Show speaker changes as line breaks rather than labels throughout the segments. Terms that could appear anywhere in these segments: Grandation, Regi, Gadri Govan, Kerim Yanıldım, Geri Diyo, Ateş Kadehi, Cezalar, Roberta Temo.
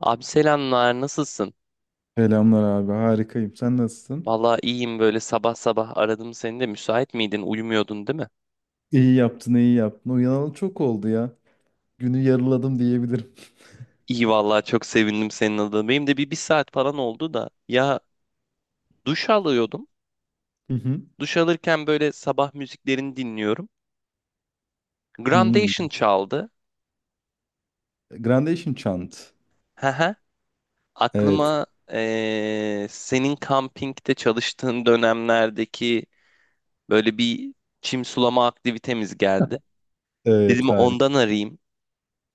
Abi selamlar, nasılsın?
Selamlar abi, harikayım. Sen nasılsın?
Vallahi iyiyim böyle sabah sabah aradım seni de müsait miydin? Uyumuyordun değil mi?
İyi yaptın, iyi yaptın. Uyanalı çok oldu ya. Günü yarıladım diyebilirim.
İyi vallahi çok sevindim senin adına. Benim de bir saat falan oldu da ya duş alıyordum.
Hı hı.
Duş alırken böyle sabah müziklerini dinliyorum.
Hmm.
Grandation çaldı.
Grandation Chant.
Haha.
Evet.
Aklıma senin kampingde çalıştığın dönemlerdeki böyle bir çim sulama aktivitemiz geldi.
Evet,
Dedim
harika.
ondan arayayım.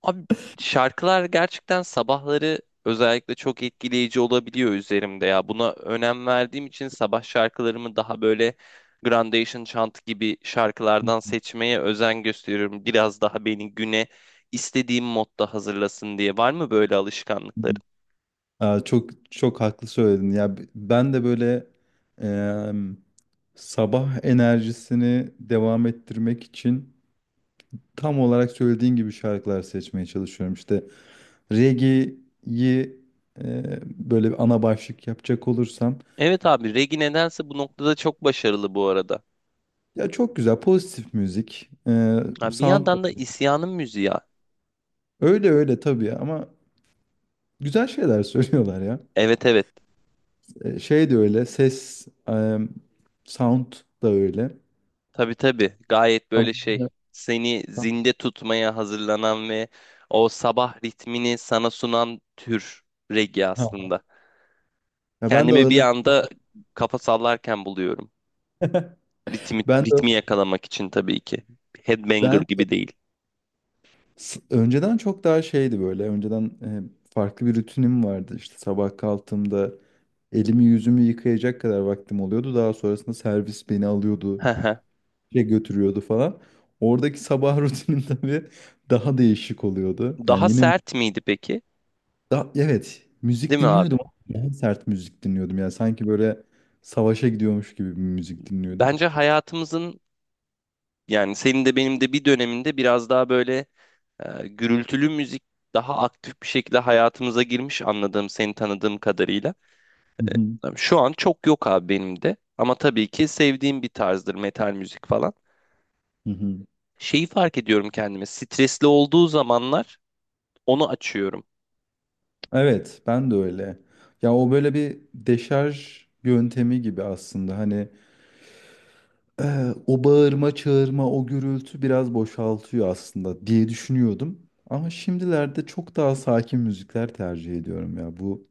Abi şarkılar gerçekten sabahları özellikle çok etkileyici olabiliyor üzerimde ya. Buna önem verdiğim için sabah şarkılarımı daha böyle Grandation Chant gibi şarkılardan seçmeye özen gösteriyorum. Biraz daha beni güne istediğim modda hazırlasın diye. Var mı böyle alışkanlıkların?
Aa, çok çok haklı söyledin. Ya ben de böyle em, sabah enerjisini devam ettirmek için tam olarak söylediğin gibi şarkılar seçmeye çalışıyorum. İşte reggae'yi, e, böyle bir ana başlık yapacak olursam.
Evet abi Regi nedense bu noktada çok başarılı bu arada.
Ya çok güzel, pozitif müzik,
Ha, bir
sound.
yandan da isyanın müziği ya.
Öyle öyle tabii, ama güzel şeyler söylüyorlar ya.
Evet evet.
Şey de öyle, ses, sound da öyle.
Tabii tabii. Gayet böyle
Ama-
şey seni zinde tutmaya hazırlanan ve o sabah ritmini sana sunan tür reggae
Ha.
aslında.
Ya ben de
Kendimi bir
ağırlık,
anda kafa sallarken buluyorum. Ritmi,
ben de
ritmi yakalamak için tabii ki. Headbanger
ben de-
gibi değil.
önceden çok daha şeydi böyle. Önceden, farklı bir rutinim vardı. İşte sabah kalktığımda elimi yüzümü yıkayacak kadar vaktim oluyordu. Daha sonrasında servis beni alıyordu. Şey götürüyordu falan. Oradaki sabah rutinim tabii daha değişik oluyordu. Yani
Daha
yine
sert miydi peki?
da, evet, müzik
Değil mi
dinliyordum,
abi?
ama daha sert müzik dinliyordum. Yani sanki böyle savaşa gidiyormuş gibi bir müzik dinliyordum.
Bence hayatımızın yani senin de benim de bir döneminde biraz daha böyle gürültülü müzik daha aktif bir şekilde hayatımıza girmiş anladığım, seni tanıdığım kadarıyla.
Hı hı,
Şu an çok yok abi benim de. Ama tabii ki sevdiğim bir tarzdır metal müzik falan.
hı hı.
Şeyi fark ediyorum kendime. Stresli olduğu zamanlar onu açıyorum.
Evet, ben de öyle. Ya o böyle bir deşarj yöntemi gibi aslında. Hani o bağırma çağırma, o gürültü biraz boşaltıyor aslında diye düşünüyordum. Ama şimdilerde çok daha sakin müzikler tercih ediyorum ya bu.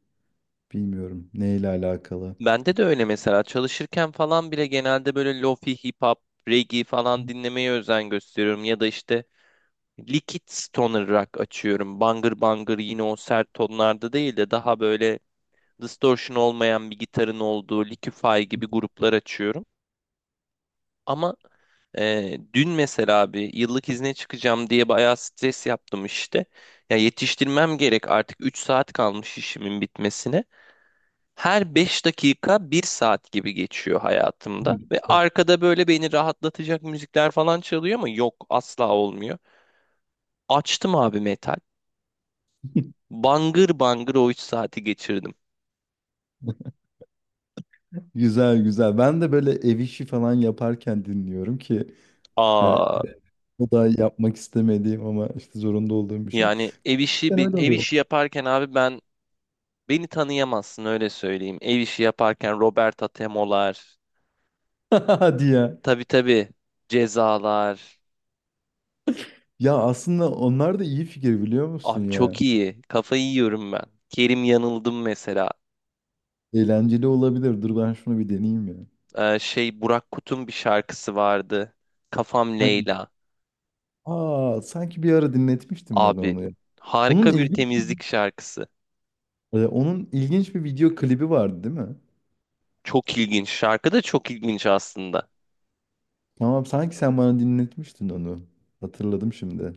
Bilmiyorum neyle alakalı.
Bende de öyle mesela çalışırken falan bile genelde böyle lofi, hip hop, reggae falan dinlemeye özen gösteriyorum. Ya da işte liquid stoner rock açıyorum. Bangır bangır yine o sert tonlarda değil de daha böyle distortion olmayan bir gitarın olduğu Liquify gibi gruplar açıyorum. Ama dün mesela abi yıllık izne çıkacağım diye bayağı stres yaptım işte. Ya yetiştirmem gerek artık 3 saat kalmış işimin bitmesine. Her 5 dakika bir saat gibi geçiyor hayatımda.
Hmm.
Ve arkada böyle beni rahatlatacak müzikler falan çalıyor ama yok asla olmuyor. Açtım abi metal. Bangır bangır o 3 saati geçirdim.
Güzel, güzel. Ben de böyle ev işi falan yaparken dinliyorum ki hani
Aa,
o da yapmak istemediğim ama işte zorunda olduğum bir şey.
yani ev işi
Ben öyle
ev
oluyorum.
işi yaparken abi ben beni tanıyamazsın öyle söyleyeyim. Ev işi yaparken Roberta Temo'lar,
Hadi ya.
tabii tabii. Cezalar.
Ya aslında onlar da iyi fikir, biliyor musun
Abi
ya?
çok iyi. Kafayı yiyorum ben. Kerim Yanıldım mesela.
Eğlenceli olabilir. Dur ben şunu bir deneyeyim ya.
Şey Burak Kut'un bir şarkısı vardı. Kafam
Hangi?
Leyla.
Aa, sanki bir ara dinletmiştin bana
Abi
onu ya. Onun
harika bir
ilginç,
temizlik şarkısı.
onun ilginç bir video klibi vardı değil mi?
Çok ilginç. Şarkı da çok ilginç aslında.
Tamam, sanki sen bana dinletmiştin onu. Hatırladım şimdi.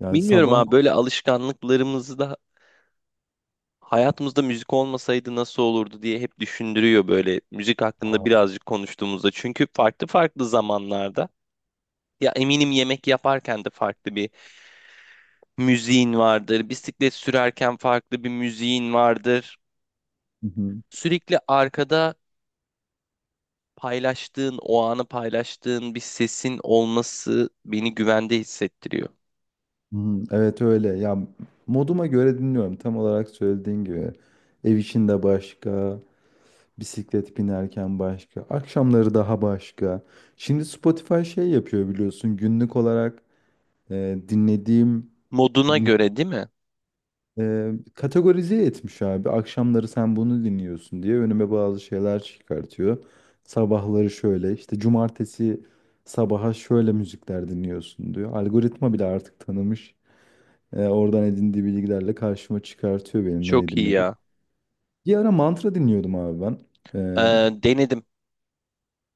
Yani
Bilmiyorum abi
sabah.
böyle alışkanlıklarımızı da hayatımızda müzik olmasaydı nasıl olurdu diye hep düşündürüyor böyle müzik hakkında birazcık konuştuğumuzda. Çünkü farklı farklı zamanlarda ya eminim yemek yaparken de farklı bir müziğin vardır. Bisiklet sürerken farklı bir müziğin vardır.
Hı hı.
Sürekli arkada paylaştığın, o anı paylaştığın bir sesin olması beni güvende hissettiriyor.
Hı hı. Evet, öyle. Ya moduma göre dinliyorum. Tam olarak söylediğin gibi. Ev içinde başka, bisiklet binerken başka, akşamları daha başka. Şimdi Spotify şey yapıyor biliyorsun. Günlük olarak dinlediğim
Moduna
mü-
göre değil mi?
kategorize etmiş abi. Akşamları sen bunu dinliyorsun diye önüme bazı şeyler çıkartıyor. Sabahları şöyle, işte cumartesi sabaha şöyle müzikler dinliyorsun diyor. Algoritma bile artık tanımış. Oradan edindiği bilgilerle karşıma çıkartıyor benim ne
Çok iyi
edinlediğimi.
ya.
Bir ara mantra dinliyordum abi ben.
Ee, denedim.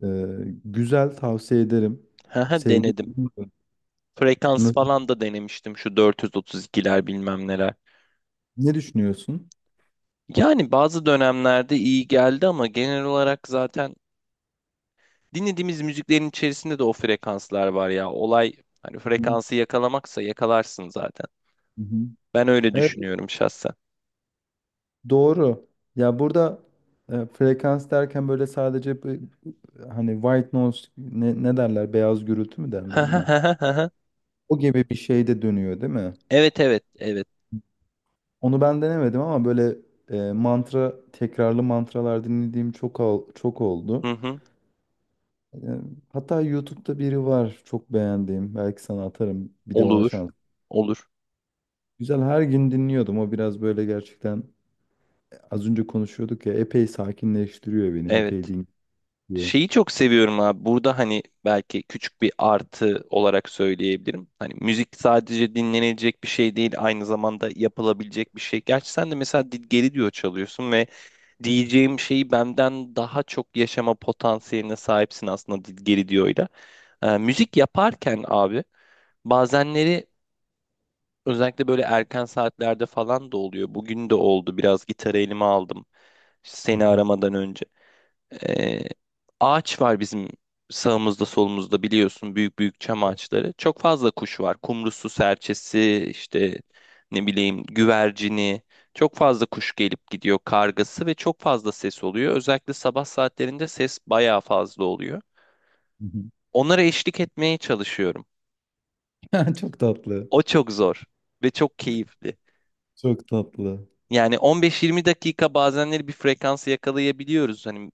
E, e, Güzel, tavsiye ederim.
Haha,
Sevdim.
denedim. Frekans
Nasıl-
falan da denemiştim şu 432'ler bilmem neler.
Ne düşünüyorsun?
Yani bazı dönemlerde iyi geldi ama genel olarak zaten dinlediğimiz müziklerin içerisinde de o frekanslar var ya. Olay hani
Hı hı,
frekansı yakalamaksa yakalarsın zaten.
hı hı.
Ben öyle
Evet,
düşünüyorum şahsen.
doğru. Ya burada frekans derken böyle sadece bir- hani white noise, ne, ne derler, beyaz gürültü mü derler ona? O gibi bir şey de dönüyor değil mi?
Evet evet evet.
Onu ben denemedim, ama böyle mantra, tekrarlı mantralar dinlediğim çok
Hı
oldu.
hı.
Ee, Hatta YouTube'da biri var çok beğendiğim. Belki sana atarım. Bir de ona
Olur.
şans.
Olur.
Güzel, her gün dinliyordum. O biraz böyle gerçekten, az önce konuşuyorduk ya, epey sakinleştiriyor beni.
Evet.
Epey dinliyor. Hı
Şeyi çok seviyorum abi. Burada hani belki küçük bir artı olarak söyleyebilirim. Hani müzik sadece dinlenecek bir şey değil, aynı zamanda yapılabilecek bir şey. Gerçi sen de mesela geri diyor çalıyorsun ve diyeceğim şeyi benden daha çok yaşama potansiyeline sahipsin aslında Geri Diyo'yla. Müzik yaparken abi bazenleri özellikle böyle erken saatlerde falan da oluyor. Bugün de oldu biraz gitarı elime aldım işte
hı,
seni aramadan önce. Ee, ağaç var bizim sağımızda solumuzda biliyorsun büyük büyük çam ağaçları. Çok fazla kuş var. Kumrusu, serçesi, işte ne bileyim güvercini. Çok fazla kuş gelip gidiyor kargası ve çok fazla ses oluyor. Özellikle sabah saatlerinde ses bayağı fazla oluyor.
hı
Onlara eşlik etmeye çalışıyorum.
hı. Çok tatlı.
O çok zor ve çok keyifli.
Çok tatlı.
Yani 15-20 dakika bazenleri bir frekansı yakalayabiliyoruz. Hani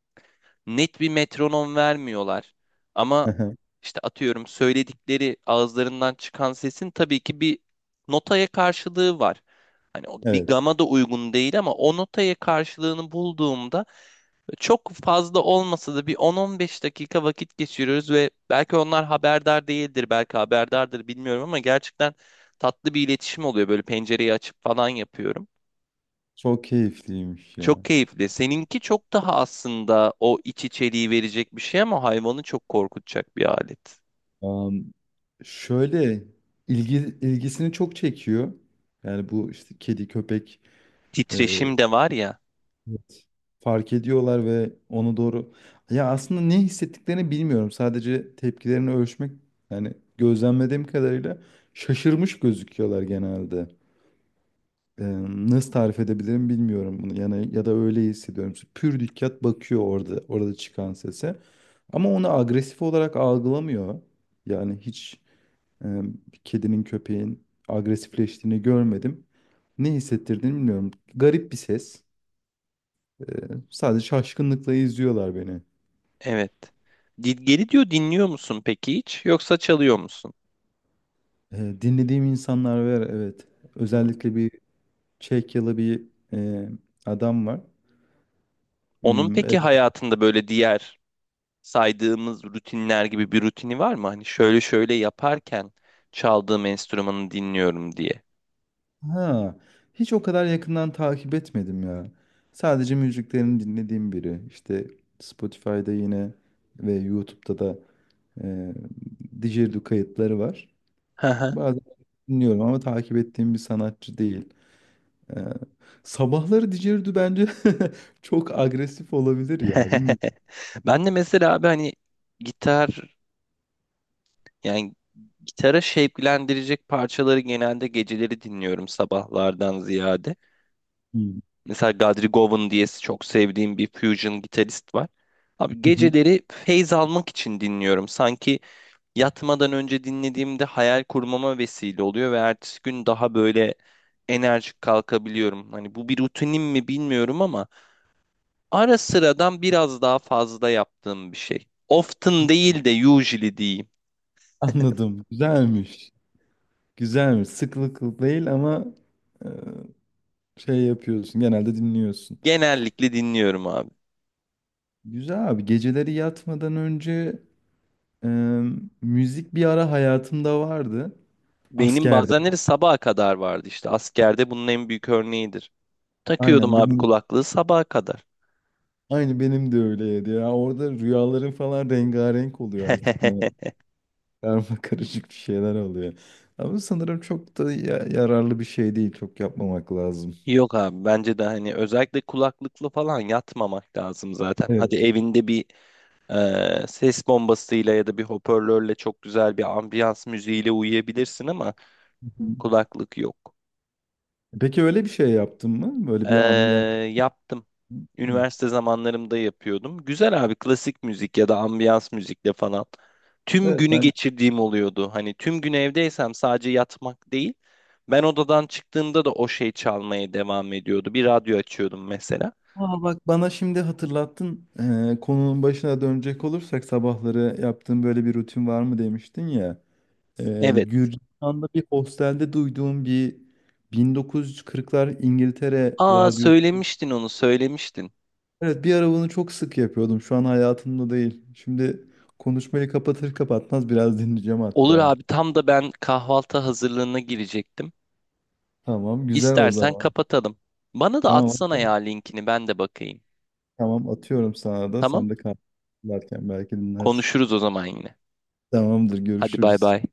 net bir metronom vermiyorlar. Ama işte atıyorum söyledikleri ağızlarından çıkan sesin tabii ki bir notaya karşılığı var. Hani o bir
Evet.
gama da uygun değil ama o notaya karşılığını bulduğumda çok fazla olmasa da bir 10-15 dakika vakit geçiriyoruz ve belki onlar haberdar değildir, belki haberdardır bilmiyorum ama gerçekten tatlı bir iletişim oluyor. Böyle pencereyi açıp falan yapıyorum.
Çok keyifliymiş ya.
Çok keyifli. Seninki çok daha aslında o iç içeriği verecek bir şey ama hayvanı çok korkutacak bir alet.
Am, şöyle ilgi, ilgisini çok çekiyor. Yani bu işte kedi, köpek.
Titreşim de var ya.
Evet. Fark ediyorlar ve onu doğru... Ya aslında ne hissettiklerini bilmiyorum. Sadece tepkilerini ölçmek, yani gözlemlediğim kadarıyla şaşırmış gözüküyorlar genelde. Ee, Nasıl tarif edebilirim bilmiyorum bunu. Yani ya da öyle hissediyorum. Pür dikkat bakıyor orada, orada çıkan sese. Ama onu agresif olarak algılamıyor. Yani hiç e, kedinin köpeğin agresifleştiğini görmedim. Ne hissettirdiğini bilmiyorum. Garip bir ses. Ee, Sadece şaşkınlıkla izliyorlar beni.
Evet. Di- Geri diyor dinliyor musun peki hiç yoksa çalıyor musun?
Dinlediğim insanlar var, evet.
Hmm.
Özellikle bir Çekyalı bir e, adam var.
Onun
Hmm,
peki hayatında böyle diğer saydığımız rutinler gibi bir rutini var mı? Hani şöyle şöyle yaparken çaldığım enstrümanı dinliyorum diye.
ha, hiç o kadar yakından takip etmedim ya. Sadece müziklerini dinlediğim biri. İşte Spotify'da yine ve YouTube'da da e, Didgeridoo kayıtları var.
Hı hı.
Bazen dinliyorum ama takip ettiğim bir sanatçı değil. Ee, sabahları Didgeridoo bence çok agresif olabilir ya. Bilmiyorum.
Ben de mesela abi hani gitar yani gitara şevklendirecek parçaları genelde geceleri dinliyorum sabahlardan ziyade. Mesela Gadri Govan diye çok sevdiğim bir fusion gitarist var. Abi
Hı hı.
geceleri feyz almak için dinliyorum. Sanki yatmadan önce dinlediğimde hayal kurmama vesile oluyor ve ertesi gün daha böyle enerjik kalkabiliyorum. Hani bu bir rutinim mi bilmiyorum ama ara sıradan biraz daha fazla yaptığım bir şey. Often değil de usually diyeyim.
Anladım. Güzelmiş. Güzelmiş. Sıklıklı değil ama e, şey yapıyorsun. Genelde dinliyorsun.
Genellikle dinliyorum abi.
Güzel abi. Geceleri yatmadan önce e, müzik bir ara hayatımda vardı.
Benim
Askerde.
bazenleri sabaha kadar vardı işte. Askerde bunun en büyük örneğidir. Takıyordum
Aynen
abi
benim,
kulaklığı sabaha kadar.
aynı benim de öyleydi ya. Orada rüyaların falan rengarenk oluyor, artık ne karma karışık bir şeyler oluyor. Ama sanırım çok da yararlı bir şey değil. Çok yapmamak lazım.
Yok abi bence de hani özellikle kulaklıklı falan yatmamak lazım zaten.
Evet.
Hadi evinde bir ses bombasıyla ya da bir hoparlörle çok güzel bir ambiyans müziğiyle uyuyabilirsin ama
Hı hı.
kulaklık yok.
Peki öyle bir şey yaptın mı? Böyle
Ee,
bir ambiyans.
yaptım. Üniversite zamanlarımda yapıyordum. Güzel abi klasik müzik ya da ambiyans müzikle falan. Tüm
Evet
günü
ben.
geçirdiğim oluyordu. Hani tüm gün evdeysem sadece yatmak değil. Ben odadan çıktığımda da o şey çalmaya devam ediyordu. Bir radyo açıyordum mesela.
Aa, bak bana şimdi hatırlattın. Konunun başına dönecek olursak, sabahları yaptığın böyle bir rutin var mı demiştin ya.
Evet.
Gürcistan'da bir hostelde duyduğum bir 1940'lar İngiltere
Aa,
radyosu.
söylemiştin onu söylemiştin.
Evet, bir ara bunu çok sık yapıyordum. Şu an hayatımda değil. Şimdi konuşmayı kapatır kapatmaz biraz dinleyeceğim
Olur
hatta.
abi tam da ben kahvaltı hazırlığına girecektim.
Tamam, güzel o
İstersen
zaman.
kapatalım. Bana da
Tamam
atsana ya linkini ben de bakayım.
tamam, atıyorum sana da.
Tamam?
Sen de kaynarken belki dinlersin.
Konuşuruz o zaman yine.
Tamamdır,
Hadi bay
görüşürüz.
bay.